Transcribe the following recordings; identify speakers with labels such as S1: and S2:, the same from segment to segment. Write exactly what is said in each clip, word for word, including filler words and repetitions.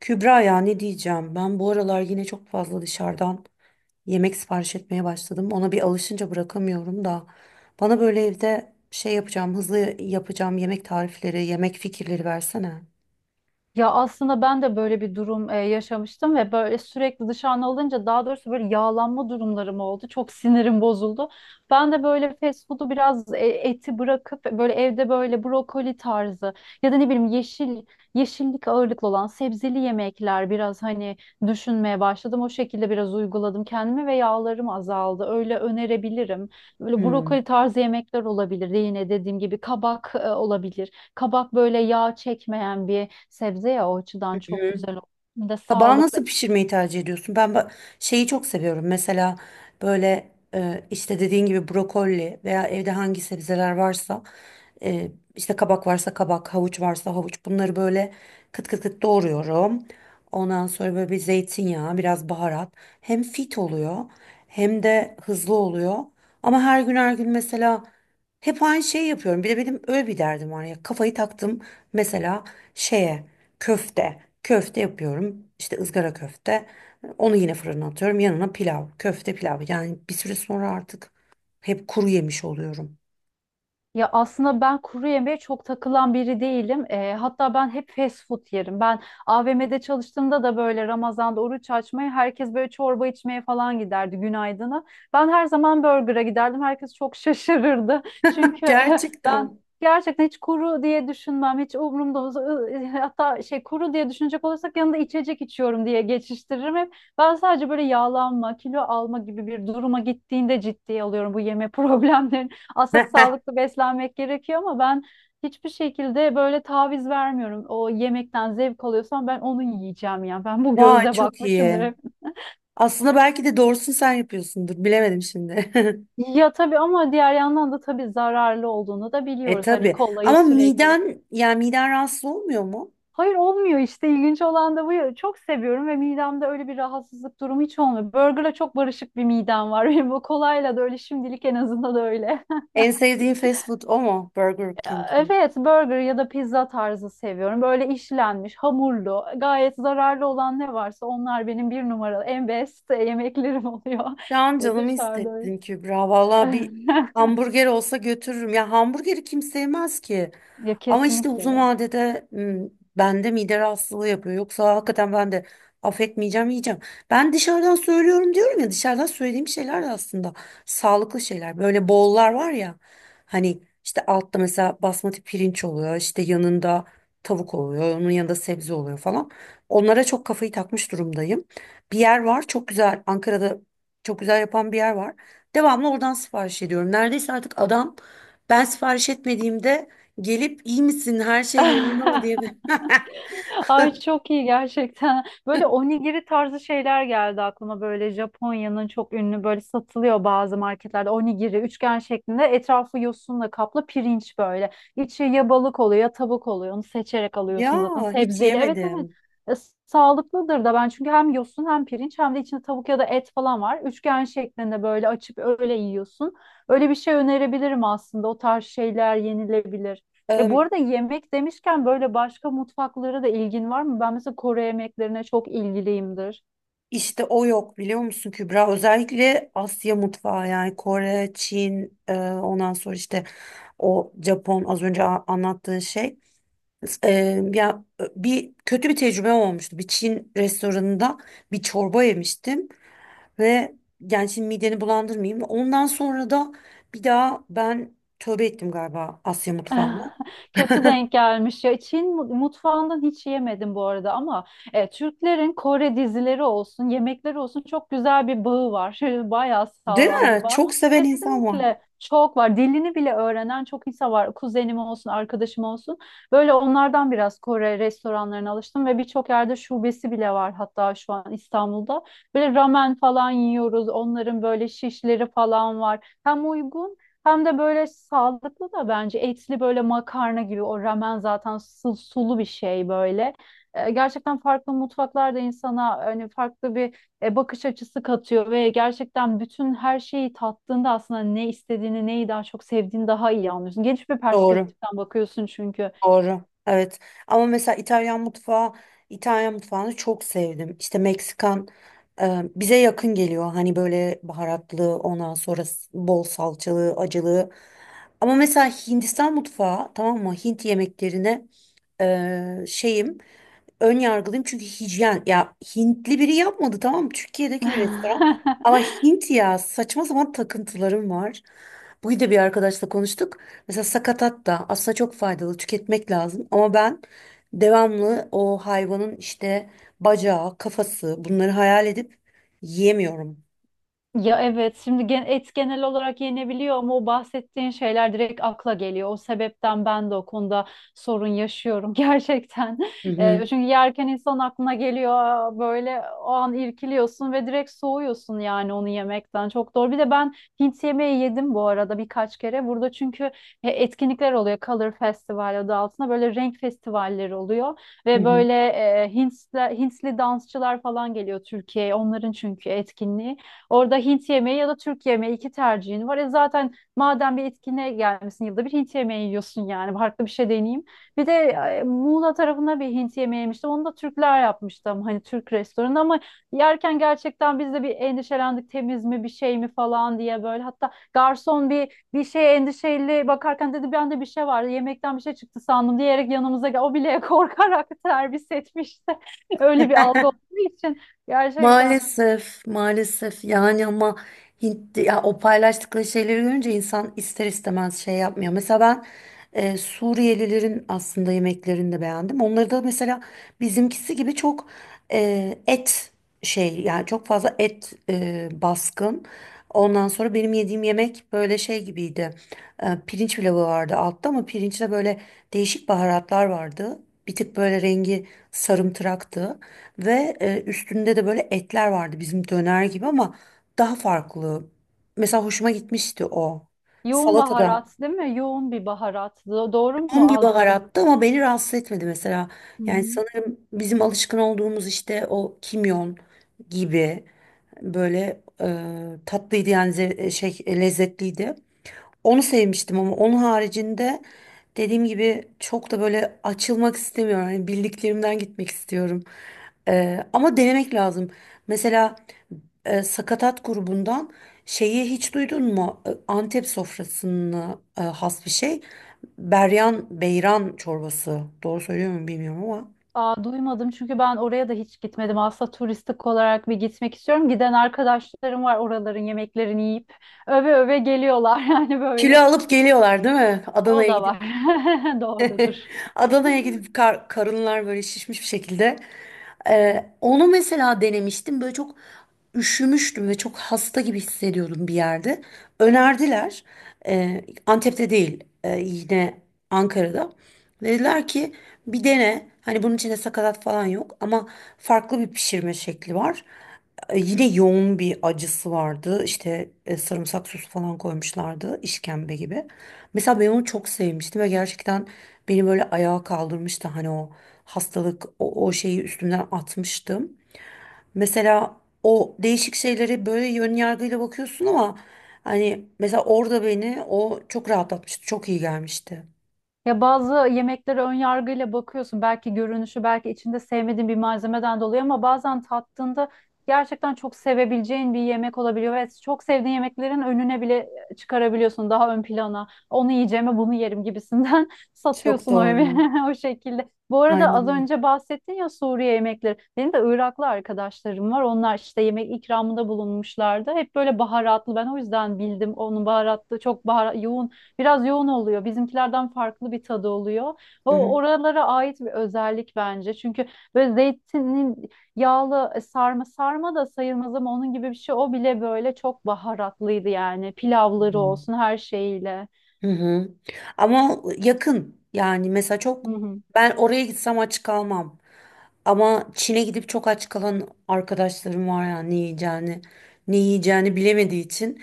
S1: Kübra, ya ne diyeceğim? Ben bu aralar yine çok fazla dışarıdan yemek sipariş etmeye başladım. Ona bir alışınca bırakamıyorum da. Bana böyle evde şey yapacağım, hızlı yapacağım yemek tarifleri, yemek fikirleri versene.
S2: Ya aslında ben de böyle bir durum e, yaşamıştım ve böyle sürekli dışarıda alınca daha doğrusu böyle yağlanma durumlarım oldu. Çok sinirim bozuldu. Ben de böyle fast food'u biraz e, eti bırakıp böyle evde böyle brokoli tarzı ya da ne bileyim yeşil yeşillik ağırlıklı olan sebzeli yemekler biraz hani düşünmeye başladım. O şekilde biraz uyguladım kendimi ve yağlarım azaldı. Öyle önerebilirim. Böyle brokoli
S1: Hmm.
S2: tarzı yemekler olabilir. Yine dediğim gibi kabak e, olabilir. Kabak böyle yağ çekmeyen bir sebze ya, o açıdan çok
S1: Hı.
S2: güzel oluyor. Hem de
S1: Kabağı
S2: sağlıklı.
S1: nasıl pişirmeyi tercih ediyorsun? Ben ba- şeyi çok seviyorum. Mesela böyle e, işte dediğin gibi brokoli veya evde hangi sebzeler varsa e, işte kabak varsa kabak, havuç varsa havuç, bunları böyle kıt kıt kıt doğruyorum. Ondan sonra böyle bir zeytinyağı, biraz baharat. Hem fit oluyor hem de hızlı oluyor. Ama her gün her gün mesela hep aynı şeyi yapıyorum. Bir de benim öyle bir derdim var ya. Kafayı taktım mesela şeye. Köfte. Köfte yapıyorum. İşte ızgara köfte. Onu yine fırına atıyorum. Yanına pilav. Köfte pilav. Yani bir süre sonra artık hep kuru yemiş oluyorum.
S2: Ya aslında ben kuru yemeğe çok takılan biri değilim. Eee, hatta ben hep fast food yerim. Ben a v m'de çalıştığımda da böyle Ramazan'da oruç açmaya herkes böyle çorba içmeye falan giderdi günaydına. Ben her zaman burger'a giderdim. Herkes çok şaşırırdı. Çünkü eh, ben
S1: Gerçekten.
S2: gerçekten hiç kuru diye düşünmem. Hiç umurumda olmaz. Hatta şey, kuru diye düşünecek olursak yanında içecek içiyorum diye geçiştiririm hep. Ben sadece böyle yağlanma, kilo alma gibi bir duruma gittiğinde ciddiye alıyorum bu yeme problemlerini. Aslında sağlıklı beslenmek gerekiyor ama ben hiçbir şekilde böyle taviz vermiyorum. O yemekten zevk alıyorsam ben onu yiyeceğim yani. Ben bu
S1: Vay,
S2: gözle
S1: çok
S2: bakmışımdır
S1: iyi.
S2: hep.
S1: Aslında belki de doğrusunu sen yapıyorsundur. Bilemedim şimdi.
S2: Ya tabii, ama diğer yandan da tabii zararlı olduğunu da
S1: E
S2: biliyoruz. Hani
S1: tabii.
S2: kolayı
S1: Ama
S2: sürekli.
S1: miden, yani miden rahatsız olmuyor mu?
S2: Hayır, olmuyor işte, ilginç olan da bu ya. Çok seviyorum ve midemde öyle bir rahatsızlık durumu hiç olmuyor. Burger'la çok barışık bir midem var. Benim bu kolayla da öyle, şimdilik en azından öyle.
S1: En sevdiğin fast food o mu? Burger King mi?
S2: Evet, burger ya da pizza tarzı seviyorum. Böyle işlenmiş, hamurlu, gayet zararlı olan ne varsa onlar benim bir numaralı, en best yemeklerim oluyor.
S1: Şu an
S2: Ve
S1: canımı
S2: dışarıda öyle.
S1: hissettin Kübra. Valla bir hamburger olsa götürürüm. Ya hamburgeri kim sevmez ki.
S2: Ya
S1: Ama işte
S2: kesinlikle
S1: uzun
S2: ya.
S1: vadede hmm, bende mide rahatsızlığı yapıyor. Yoksa hakikaten ben de affetmeyeceğim, yiyeceğim. Ben dışarıdan söylüyorum diyorum ya, dışarıdan söylediğim şeyler de aslında sağlıklı şeyler. Böyle bollar var ya, hani işte altta mesela basmati pirinç oluyor. İşte yanında tavuk oluyor. Onun yanında sebze oluyor falan. Onlara çok kafayı takmış durumdayım. Bir yer var çok güzel Ankara'da, çok güzel yapan bir yer var. Devamlı oradan sipariş ediyorum. Neredeyse artık adam, ben sipariş etmediğimde gelip iyi misin, her şey yolunda mı diye bir-
S2: Ay çok iyi gerçekten. Böyle onigiri tarzı şeyler geldi aklıma. Böyle Japonya'nın çok ünlü, böyle satılıyor bazı marketlerde. Onigiri üçgen şeklinde, etrafı yosunla kaplı pirinç böyle. İçi ya balık oluyor ya tavuk oluyor. Onu seçerek alıyorsun
S1: Ya
S2: zaten.
S1: hiç
S2: Sebzeli. Evet, evet.
S1: yemedim.
S2: E, Sağlıklıdır da, ben çünkü hem yosun hem pirinç hem de içinde tavuk ya da et falan var. Üçgen şeklinde böyle açıp öyle yiyorsun. Öyle bir şey önerebilirim aslında. O tarz şeyler yenilebilir. E bu
S1: Ee,
S2: arada yemek demişken, böyle başka mutfaklara da ilgin var mı? Ben mesela Kore yemeklerine çok ilgiliyimdir.
S1: işte o yok, biliyor musun Kübra? Özellikle Asya mutfağı, yani Kore, Çin, e, ondan sonra işte o Japon az önce a- anlattığın şey. E, Ya bir kötü bir tecrübe olmuştu. Bir Çin restoranında bir çorba yemiştim. Ve yani şimdi mideni bulandırmayayım. Ondan sonra da bir daha ben tövbe ettim galiba Asya mutfağına.
S2: Kötü denk gelmiş ya. Çin mu- mutfağından hiç yemedim bu arada ama e, Türklerin Kore dizileri olsun, yemekleri olsun çok güzel bir bağı var. Bayağı
S1: Değil
S2: sağlam bir
S1: mi?
S2: bağ.
S1: Çok seven insan var.
S2: Kesinlikle çok var. Dilini bile öğrenen çok insan var. Kuzenim olsun, arkadaşım olsun. Böyle onlardan biraz Kore restoranlarına alıştım ve birçok yerde şubesi bile var hatta şu an İstanbul'da. Böyle ramen falan yiyoruz. Onların böyle şişleri falan var. Hem uygun hem de böyle sağlıklı da bence, etli böyle makarna gibi o ramen, zaten su- sulu bir şey böyle. Ee, gerçekten farklı mutfaklar da insana hani farklı bir e, bakış açısı katıyor ve gerçekten bütün her şeyi tattığında aslında ne istediğini, neyi daha çok sevdiğini daha iyi anlıyorsun. Geniş bir
S1: Doğru.
S2: perspektiften bakıyorsun çünkü.
S1: Doğru. Evet. Ama mesela İtalyan mutfağı, İtalyan mutfağını çok sevdim. İşte Meksikan e, bize yakın geliyor. Hani böyle baharatlı, ondan sonra s- bol salçalı, acılı. Ama mesela Hindistan mutfağı, tamam mı? Hint yemeklerine e, şeyim. Ön yargılıyım çünkü hijyen, ya Hintli biri yapmadı tamam mı? Türkiye'deki bir restoran, ama Hint, ya saçma sapan takıntılarım var. Bugün de bir arkadaşla konuştuk. Mesela sakatat da aslında çok faydalı, tüketmek lazım, ama ben devamlı o hayvanın işte bacağı, kafası bunları hayal edip yiyemiyorum.
S2: Ya evet, şimdi gen- et genel olarak yenebiliyor ama o bahsettiğin şeyler direkt akla geliyor. O sebepten ben de o konuda sorun yaşıyorum gerçekten.
S1: Hı hı.
S2: Eee, çünkü yerken insan aklına geliyor. Aa, böyle o an irkiliyorsun ve direkt soğuyorsun yani onu yemekten. Çok doğru. Bir de ben Hint yemeği yedim bu arada birkaç kere. Burada çünkü e, etkinlikler oluyor. Color Festival adı altında böyle renk festivalleri oluyor.
S1: Hı
S2: Ve
S1: hı.
S2: böyle e, Hintli, Hintli dansçılar falan geliyor Türkiye'ye. Onların çünkü etkinliği. Orada Hint yemeği ya da Türk yemeği, iki tercihin var. E zaten madem bir etkinliğe gelmesin, yılda bir Hint yemeği yiyorsun yani, farklı bir şey deneyeyim. Bir de e, Muğla tarafına bir Hint yemeği yemiştim. Onu da Türkler yapmıştım. Hani Türk restoranı ama yerken gerçekten biz de bir endişelendik. Temiz mi, bir şey mi falan diye böyle. Hatta garson bir bir şeye endişeli bakarken dedi bende bir şey vardı. Yemekten bir şey çıktı sandım diyerek yanımıza gel. O bile korkarak servis etmişti. Öyle bir algı olduğu için gerçekten.
S1: Maalesef, maalesef yani. Ama Hint, ya o paylaştıkları şeyleri görünce insan ister istemez şey yapmıyor. Mesela ben e, Suriyelilerin aslında yemeklerini de beğendim. Onları da mesela bizimkisi gibi çok e, et şey, yani çok fazla et e, baskın. Ondan sonra benim yediğim yemek böyle şey gibiydi. E, pirinç pilavı vardı altta, ama pirinçte böyle değişik baharatlar vardı. Bir tık böyle rengi sarımtıraktı. Ve e, üstünde de böyle etler vardı bizim döner gibi, ama daha farklı. Mesela hoşuma gitmişti o.
S2: Yoğun
S1: Salatada
S2: baharat değil mi? Yoğun bir baharat. Do- Doğru mu
S1: yoğun bir
S2: algıladım?
S1: baharattı, ama beni rahatsız etmedi mesela.
S2: Hı
S1: Yani
S2: hı.
S1: sanırım bizim alışkın olduğumuz işte o kimyon gibi böyle e, tatlıydı, yani ze- şey e, lezzetliydi. Onu sevmiştim, ama onun haricinde dediğim gibi çok da böyle açılmak istemiyorum. Hani bildiklerimden gitmek istiyorum. Ee, ama denemek lazım. Mesela e, sakatat grubundan şeyi hiç duydun mu? E, Antep sofrasına e, has bir şey. Beryan, beyran çorbası. Doğru söylüyor muyum bilmiyorum ama.
S2: Aa, duymadım çünkü ben oraya da hiç gitmedim. Aslında turistik olarak bir gitmek istiyorum. Giden arkadaşlarım var, oraların yemeklerini yiyip öve öve geliyorlar yani
S1: Kilo
S2: böyle.
S1: alıp geliyorlar değil mi?
S2: O
S1: Adana'ya
S2: da
S1: gidip.
S2: var. Doğrudur.
S1: Adana'ya gidip kar- karınlar böyle şişmiş bir şekilde. Ee, onu mesela denemiştim. Böyle çok üşümüştüm ve çok hasta gibi hissediyordum bir yerde. Önerdiler. Ee, Antep'te değil, e, yine Ankara'da. Dediler ki bir dene. Hani bunun içinde sakatat falan yok, ama farklı bir pişirme şekli var. E, Yine yoğun bir acısı vardı. İşte e, sarımsak sosu falan koymuşlardı, işkembe gibi. Mesela ben onu çok sevmiştim ve gerçekten beni böyle ayağa kaldırmıştı, hani o hastalık, o, o şeyi üstümden atmıştım. Mesela o değişik şeylere böyle yön yargıyla bakıyorsun, ama hani mesela orada beni o çok rahatlatmıştı. Çok iyi gelmişti.
S2: Ya bazı yemeklere ön yargıyla bakıyorsun. Belki görünüşü, belki içinde sevmediğin bir malzemeden dolayı, ama bazen tattığında gerçekten çok sevebileceğin bir yemek olabiliyor ve çok sevdiğin yemeklerin önüne bile e, çıkarabiliyorsun, daha ön plana. Onu yiyeceğime bunu yerim gibisinden
S1: Çok
S2: satıyorsun o
S1: doğru.
S2: yemeği o şekilde. Bu arada
S1: Aynen
S2: az
S1: öyle.
S2: önce bahsettin ya, Suriye yemekleri. Benim de Iraklı arkadaşlarım var. Onlar işte yemek ikramında bulunmuşlardı. Hep böyle baharatlı. Ben o yüzden bildim, onun baharatlı, çok bahara- yoğun. Biraz yoğun oluyor. Bizimkilerden farklı bir tadı oluyor.
S1: Hı
S2: O
S1: hı.
S2: oralara ait bir özellik bence. Çünkü böyle zeytinin yağlı e, sarma sarma da sayılmaz ama onun gibi bir şey. O bile böyle çok baharatlıydı yani. Pilavları olsun, her şeyiyle.
S1: Hı hı. Ama yakın yani, mesela çok
S2: Hı hı.
S1: ben oraya gitsem aç kalmam. Ama Çin'e gidip çok aç kalan arkadaşlarım var ya, ne yiyeceğini ne yiyeceğini bilemediği için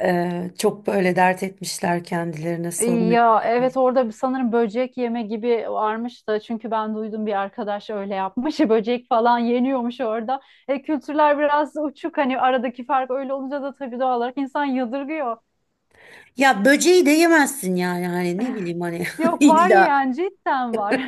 S1: eee, çok böyle dert etmişler, kendilerine sorun
S2: Ya
S1: etmişler.
S2: evet, orada bir- sanırım böcek yeme gibi varmış da, çünkü ben duydum, bir arkadaş öyle yapmış. Böcek falan yeniyormuş orada. E, kültürler biraz uçuk, hani aradaki fark öyle olunca da tabii doğal olarak insan yadırgıyor.
S1: Ya böceği de yemezsin yani, hani ne bileyim hani
S2: Yok, var
S1: illa
S2: yani, cidden var.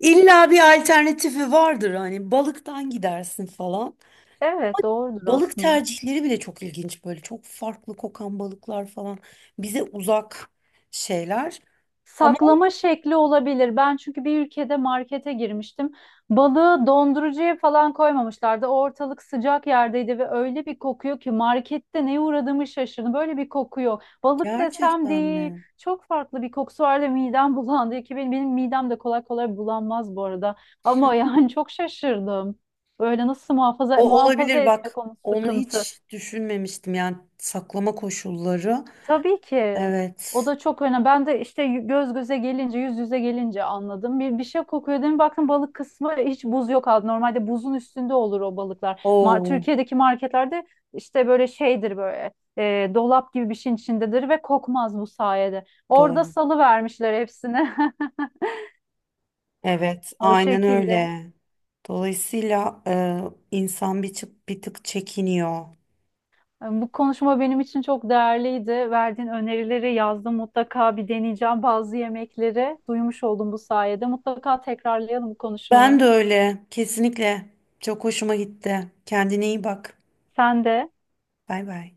S1: illa bir alternatifi vardır, hani balıktan gidersin falan.
S2: Evet, doğrudur
S1: Balık
S2: aslında.
S1: tercihleri bile çok ilginç, böyle çok farklı kokan balıklar falan bize uzak şeyler, ama
S2: Saklama şekli olabilir. Ben çünkü bir ülkede markete girmiştim. Balığı dondurucuya falan koymamışlardı. O, ortalık sıcak yerdeydi ve öyle bir kokuyor ki markette, neye uğradığımı şaşırdım. Böyle bir kokuyor. Balık desem
S1: gerçekten
S2: değil.
S1: mi?
S2: Çok farklı bir kokusu vardı. Midem bulandı ki, benim, benim midem de kolay kolay bulanmaz bu arada. Ama yani çok şaşırdım. Böyle nasıl muhafaza
S1: O
S2: muhafaza
S1: olabilir bak.
S2: etmek, onun
S1: Onu
S2: sıkıntı.
S1: hiç düşünmemiştim, yani saklama koşulları.
S2: Tabii ki. O
S1: Evet.
S2: da çok önemli. Ben de işte göz göze gelince, yüz yüze gelince anladım. Bir, bir şey kokuyor değil mi? Baktım balık kısmı hiç buz yok aldı. Normalde buzun üstünde olur o balıklar. Mar
S1: Oo,
S2: Türkiye'deki marketlerde işte böyle şeydir, böyle e, dolap gibi bir şeyin içindedir ve kokmaz bu sayede. Orada
S1: doğru.
S2: salı vermişler hepsini.
S1: Evet,
S2: O
S1: aynen
S2: şekilde.
S1: öyle. Dolayısıyla e, insan bir, çı- bir tık çekiniyor.
S2: Bu konuşma benim için çok değerliydi. Verdiğin önerileri yazdım. Mutlaka bir deneyeceğim bazı yemekleri. Duymuş oldum bu sayede. Mutlaka tekrarlayalım bu
S1: Ben
S2: konuşmayı.
S1: de öyle. Kesinlikle. Çok hoşuma gitti. Kendine iyi bak.
S2: Sen de
S1: Bay bay.